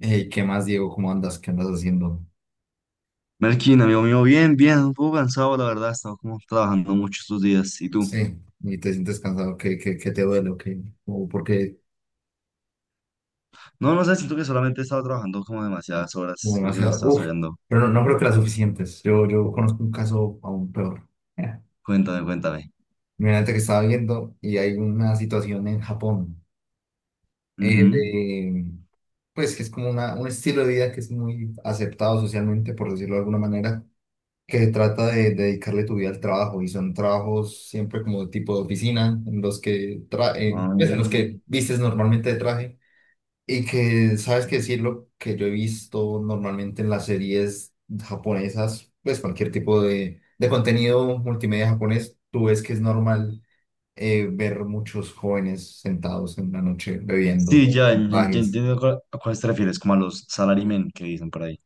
Hey, ¿qué más, Diego? ¿Cómo andas? ¿Qué andas haciendo? Melkin, amigo mío, bien, bien, un poco cansado, la verdad, he estado como trabajando mucho estos días. ¿Y tú? Sí, y te sientes cansado, ¿qué te duele? ¿O qué? ¿O porque No, no sé, siento que solamente he estado trabajando como demasiadas hubo horas, creo que me demasiado? estás Uf, saliendo. pero no creo que las suficientes. Yo conozco un caso aún peor. Mira, Cuéntame, cuéntame. imagínate que estaba viendo y hay una situación en Japón, eh, Ujú. de- pues que es como un estilo de vida que es muy aceptado socialmente, por decirlo de alguna manera, que trata de dedicarle tu vida al trabajo y son trabajos siempre como de tipo de oficina, en los que, tra- en pues, en los que Ah, vistes normalmente de traje. Y que, ¿sabes qué decirlo? Que yo he visto normalmente en las series japonesas, pues cualquier tipo de contenido multimedia japonés, tú ves que es normal ver muchos jóvenes sentados en la noche sí, bebiendo ya, ya, ya bajes. entiendo a cuáles te refieres, como a los salarymen que dicen por ahí.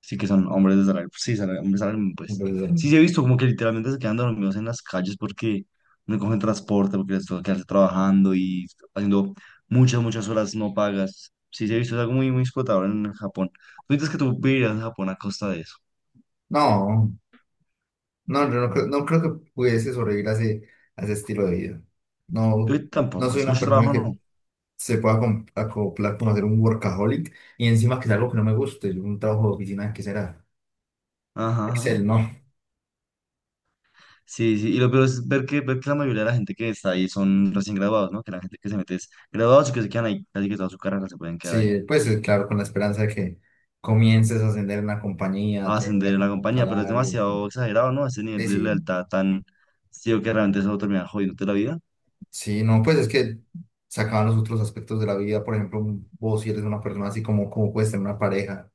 Sí, que son hombres de salario. Sí, hombres salario, mínimo, pues. Entonces, Sí, sí, he visto como que literalmente se quedan dormidos en las calles porque no cogen transporte, porque les toca quedarse trabajando y haciendo muchas, muchas horas no pagas. Sí, sí, he visto, es algo muy, muy explotador en Japón. Tú dices que tú vivirías en Japón a costa de eso. no, no, yo no, creo, no creo que pudiese sobrevivir a a ese estilo de vida. No, Yo no tampoco, soy es una mucho persona trabajo, que no. se pueda acoplar como hacer un workaholic y encima que es algo que no me guste, un trabajo de oficina que será Ajá, Excel, ajá. no. Sí, sí, y lo peor es ver que la mayoría de la gente que está ahí son recién graduados, ¿no? Que la gente que se mete es graduados y que se quedan ahí, casi que toda su carrera se pueden quedar ahí. Sí, pues claro, con la esperanza de que comiences a ascender en la compañía, A ascender tengas en un la buen compañía, pero es salario. demasiado exagerado, ¿no? Ese nivel Eh, de sí, lealtad tan ciego que realmente eso termina jodiéndote la vida. sí, no, pues es que se acaban los otros aspectos de la vida. Por ejemplo, vos si eres una persona así como puedes tener una pareja.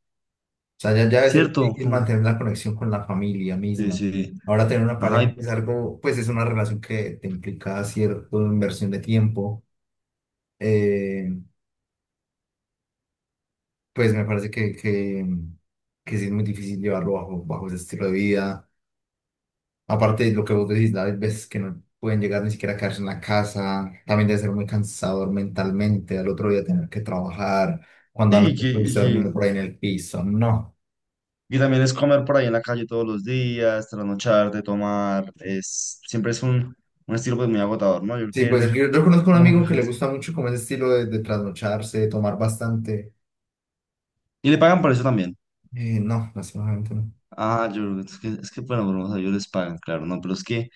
O sea, ya debe ser ¿Cierto? difícil Jum, mantener la conexión con la familia sí, misma. sí. Ahora tener una Ajá, pareja es algo, pues es una relación que te implica cierta inversión de tiempo. Eh, pues me parece que sí es muy difícil llevarlo bajo ese estilo de vida. Aparte de lo que vos decís, hay veces que no pueden llegar ni siquiera a quedarse en la casa, también debe ser muy cansador mentalmente, al otro día tener que trabajar, cuando y, anoche que- y estuviste que- durmiendo por ahí en el piso, no. y también es comer por ahí en la calle todos los días, trasnocharte, tomar, es, siempre es un estilo pues muy agotador, ¿no? Yo creo que Sí, debe pues ser yo conozco un muy, muy amigo que le hard. gusta mucho como ese estilo de trasnocharse, de tomar bastante. Y le pagan por eso también. No, lastimosamente no. Ah, yo creo que es que, bueno, pero, o sea, ellos les pagan, claro, ¿no? Pero es que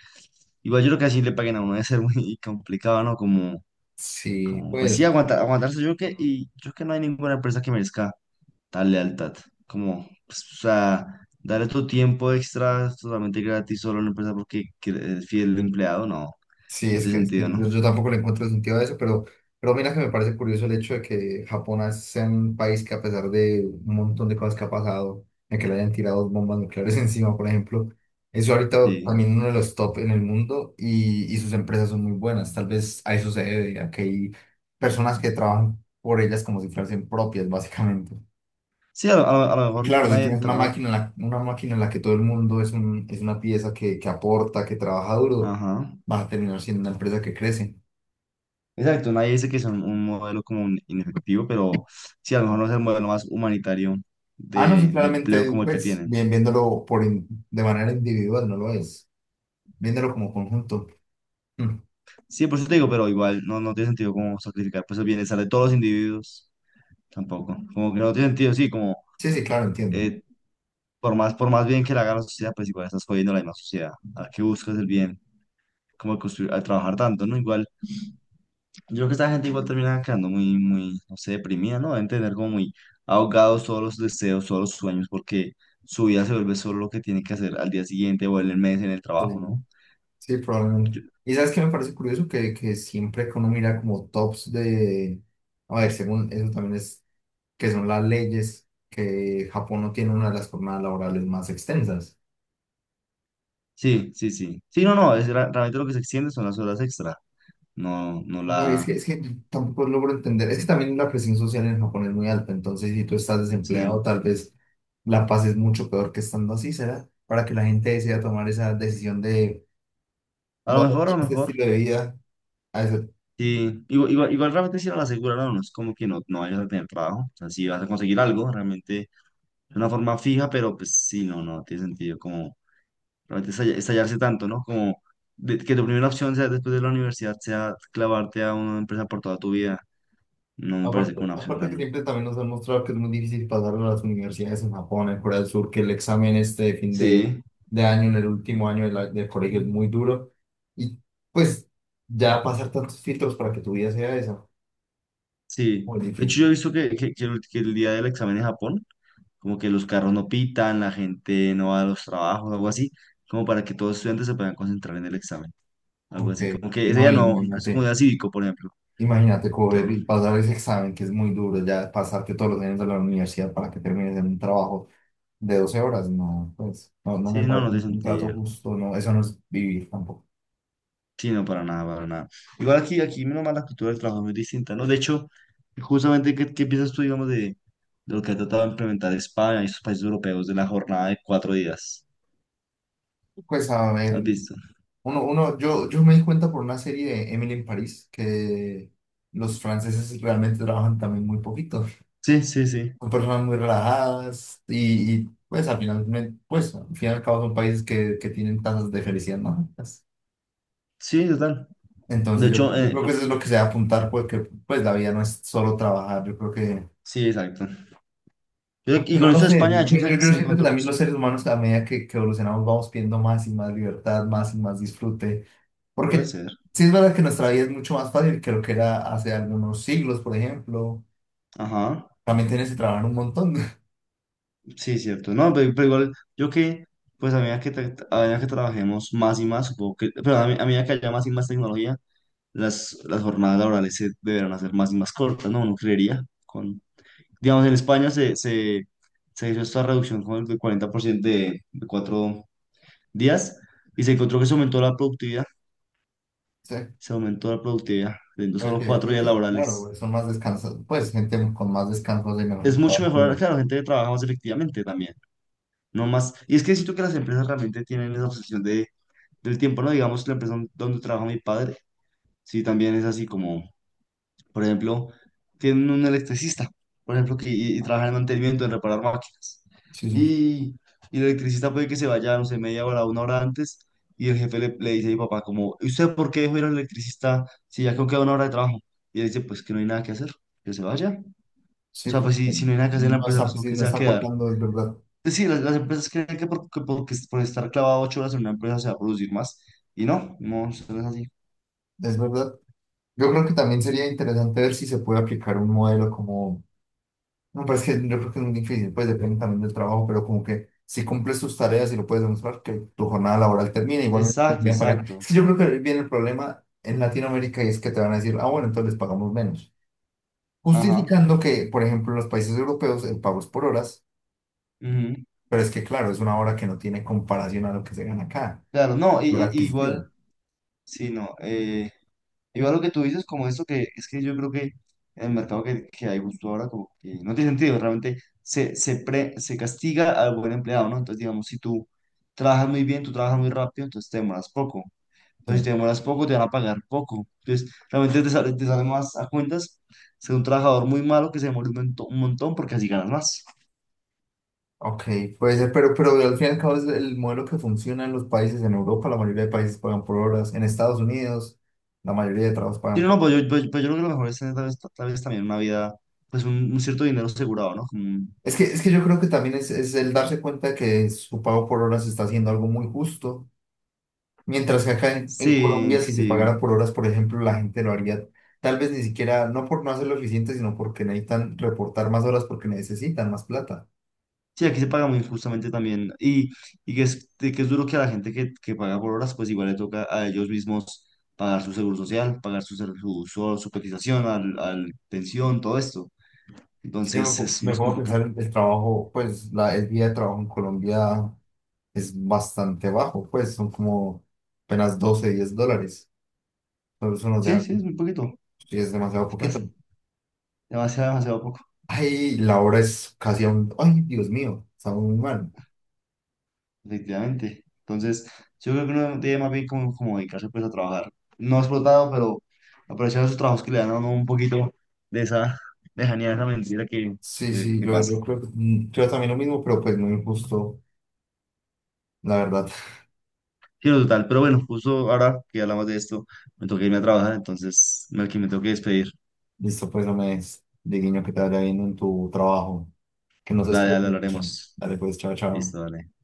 igual yo creo que así le paguen a uno debe ser muy complicado, ¿no? Como Sí, Como, pues sí, pues. Aguantarse yo creo que, y yo creo que no hay ninguna empresa que merezca tal lealtad. Como, pues, o sea, darle tu tiempo extra totalmente gratis solo a una empresa es fiel empleado, no, Sí, no tiene es que sentido, ¿no? yo tampoco le encuentro sentido a eso, pero mira que me parece curioso el hecho de que Japón sea un país que a pesar de un montón de cosas que ha pasado, de que le hayan tirado bombas nucleares encima, por ejemplo, eso ahorita Sí, también uno de los top en el mundo y sus empresas son muy buenas. Tal vez a eso se debe, a que hay personas que trabajan por ellas como si fuesen propias, básicamente. A lo Y mejor claro, si nadie, tienes una tra- máquina una máquina en la que todo el mundo es una pieza que aporta, que trabaja duro, ajá, vas a terminar siendo una empresa que crece. exacto, nadie dice que es un modelo como un inefectivo, pero sí, a lo mejor no es el modelo más humanitario Ah, no, sí, de empleo claramente, como el que pues, tienen. bien, de manera individual, no lo es. Viéndolo como conjunto. Mm. Sí, por eso te digo, pero igual no, no tiene sentido como sacrificar pues el bienestar de todos los individuos. Tampoco. Como que no tiene sentido, sí, como, Sí, sí, claro, entiendo. eh, por más bien que le haga la sociedad, pues igual estás jodiendo la misma sociedad. A la que buscas el bien, como de construir, al trabajar tanto, ¿no? Igual, yo creo que esta gente igual termina quedando muy, muy, no sé, deprimida, ¿no? Deben tener como muy ahogados todos los deseos, todos los sueños, porque su vida se vuelve solo lo que tiene que hacer al día siguiente o en el mes en el trabajo, Sí, ¿no? sí, Yo- probablemente. Y sabes que me parece curioso que siempre que uno mira como tops de. A ver, según eso también es que son las leyes, que Japón no tiene una de las jornadas laborales más extensas. sí, sí, sí. Sí, no, no, es, realmente lo que se extiende son las horas extra, no, no No, es que, la... es que tampoco logro entender. Es que también la presión social en Japón es muy alta. Entonces, si tú estás Sí. desempleado, tal vez la pases mucho peor que estando así, ¿será? Para que la gente decida tomar esa decisión de A voy lo a mejor, a adoptar lo este mejor. estilo de vida. A eso- Sí, igual, igual, igual realmente sí la aseguraron, no. No es como que no, no vayas a tener trabajo, o sea, si vas a conseguir algo, realmente de una forma fija, pero pues sí, no, no tiene sentido como realmente estallarse tanto, ¿no? Como que tu primera opción sea después de la universidad, sea clavarte a una empresa por toda tu vida, no me parece como Aparte, una opción aparte que tan... siempre también nos han mostrado que es muy difícil pasar a las universidades en Japón, en Corea del Sur, que el examen este de Sí. de año, en el último año de del colegio es muy duro. Y pues ya pasar tantos filtros para que tu vida sea esa, Sí, muy de hecho yo he difícil. visto que el día del examen en Japón, como que los carros no pitan, la gente no va a los trabajos, algo así, como para que todos los estudiantes se puedan concentrar en el examen, algo Ok, así, como que ese no, día no, es como imagínate, día cívico, por ejemplo, imagínate cobrar todo. y pasar ese examen que es muy duro, ya pasarte todos los años de la universidad para que termines en un trabajo de 12 horas, no, pues, no, no Sí, me no, no parece tiene un contrato sentido. justo, no, eso no es vivir tampoco. Sí, no, para nada, para nada. Igual aquí, aquí, menos mal, la cultura del trabajo es muy distinta, ¿no? De hecho, justamente, ¿qué piensas tú, digamos, de, lo que ha tratado de implementar España y sus países europeos de la jornada de 4 días? Pues a ¿Has ver, visto? Yo me di cuenta por una serie de Emily en París que los franceses realmente trabajan también muy poquito, Sí, sí, sí. son personas muy relajadas y pues al final, pues al fin y al cabo son países que tienen tasas de felicidad más altas. Sí, total. De Entonces hecho, yo creo que eso es lo que se debe apuntar, porque pues la vida no es solo trabajar, yo creo que, sí, exacto. Aunque Y con no lo esto de sé, España, de hecho, yo se siento que encontró. también los seres humanos a medida que evolucionamos vamos pidiendo más y más libertad, más y más disfrute, Puede porque ser. sí es verdad que nuestra vida es mucho más fácil que lo que era hace algunos siglos, por ejemplo, Ajá. también tienes que trabajar un montón. Sí, cierto. No, pero igual, pues a medida a medida que trabajemos más y más, supongo que, pero a medida que haya más y más tecnología, las jornadas laborales se deberán hacer más y más cortas, ¿no? Uno creería. Con, digamos, en España se hizo esta reducción con el del 40% de 4 días y se encontró que se aumentó la productividad. Sí, Se aumentó la productividad, teniendo solo porque cuatro creo días que, sí, claro, laborales. güey, son más descansados, pues gente con más descansos y Es mejor mucho trabajo, mejor, pero claro, gente que trabaja más efectivamente también, no más. Y es que siento que las empresas realmente tienen esa obsesión del tiempo, ¿no? Digamos, la empresa donde trabaja mi padre, sí, también es así como, por ejemplo, tienen un electricista, por ejemplo, que y trabaja en mantenimiento, en reparar máquinas. sí, sí, Y, y el electricista puede que se vaya, no sé, media hora, una hora antes, y el jefe le dice a mi papá, como, ¿y usted por qué dejó ir al electricista si ya creo que queda una hora de trabajo? Y él dice, pues que no hay nada que hacer, que se vaya. O sí, sea, pues, pues si, si no bueno, hay nada que hacer en la no empresa, pues está, ¿por sí, qué no se va a está quedar? aportando, es verdad, Pues sí, las empresas creen que que por estar clavado 8 horas en una empresa se va a producir más. Y no, no, eso no es así. es verdad. Yo creo que también sería interesante ver si se puede aplicar un modelo como, no, pero es que yo creo que es muy difícil, pues depende también del trabajo, pero como que si cumples tus tareas y lo puedes demostrar, que tu jornada laboral termina, igualmente te Exacto, siguen pagando. exacto. Es que yo creo que viene el problema en Latinoamérica y es que te van a decir, ah, bueno, entonces les pagamos menos. Ajá. Justificando que, por ejemplo, en los países europeos el pago es por horas, Ujú. pero es que claro, es una hora que no tiene comparación a lo que se gana acá, Claro, no, lo igual, adquisitivo. sí, no. Igual lo que tú dices, como esto que es que yo creo que el mercado que hay justo ahora, como que no tiene sentido, realmente se castiga al buen empleado, ¿no? Entonces, digamos, si tú trabajas muy bien, tú trabajas muy rápido, entonces te demoras poco. Pero si te demoras poco, te van a pagar poco. Entonces, realmente te sale más a cuentas ser un trabajador muy malo que se demore un montón porque así ganas más. Ok, puede ser, pero al fin y al cabo es el modelo que funciona en los países, en Europa la mayoría de países pagan por horas, en Estados Unidos la mayoría de trabajos Sí, pagan no, por no, horas. pues yo, pues yo creo que lo mejor es tener tal vez también una vida, pues un cierto dinero asegurado, ¿no? Como un, Es que yo creo que también es el darse cuenta que su pago por horas está haciendo algo muy justo, mientras que acá en sí, Colombia si se sí. pagara por horas, por ejemplo, la gente lo haría tal vez ni siquiera, no por no hacerlo eficiente, sino porque necesitan reportar más horas porque necesitan más plata. Sí, aquí se paga muy injustamente también. Que es, duro que a la gente que paga por horas, pues igual le toca a ellos mismos pagar su seguro social, pagar su, ser- su cotización al pensión, todo esto. Si yo Entonces es me más pongo a complicado. pensar en el trabajo, pues el día de trabajo en Colombia es bastante bajo, pues son como apenas 12, 10 dólares. Pero eso nos Sí, deja, sí, es como- muy poquito. sí, es demasiado Es bas- poquito. demasiado, demasiado poco, Ay, la hora es casi a un... Ay, Dios mío, está muy mal. efectivamente. Entonces, yo creo que uno debe más bien como, como dedicarse pues a trabajar. No explotado, pero aprovechar esos trabajos que le dan a uno un poquito de esa lejanía, de esa mentira Sí, sí, que pasa. yo creo que creo también lo mismo, pero pues muy injusto, la verdad. Sí, no, total, pero bueno, justo ahora que hablamos de esto, me toca irme a trabajar, entonces, que me tengo que despedir. Listo, pues no me des de guiño que te vaya bien en tu trabajo, que no se Dale, dale, despierten. hablaremos. Dale, pues, chao, chao. Listo, dale.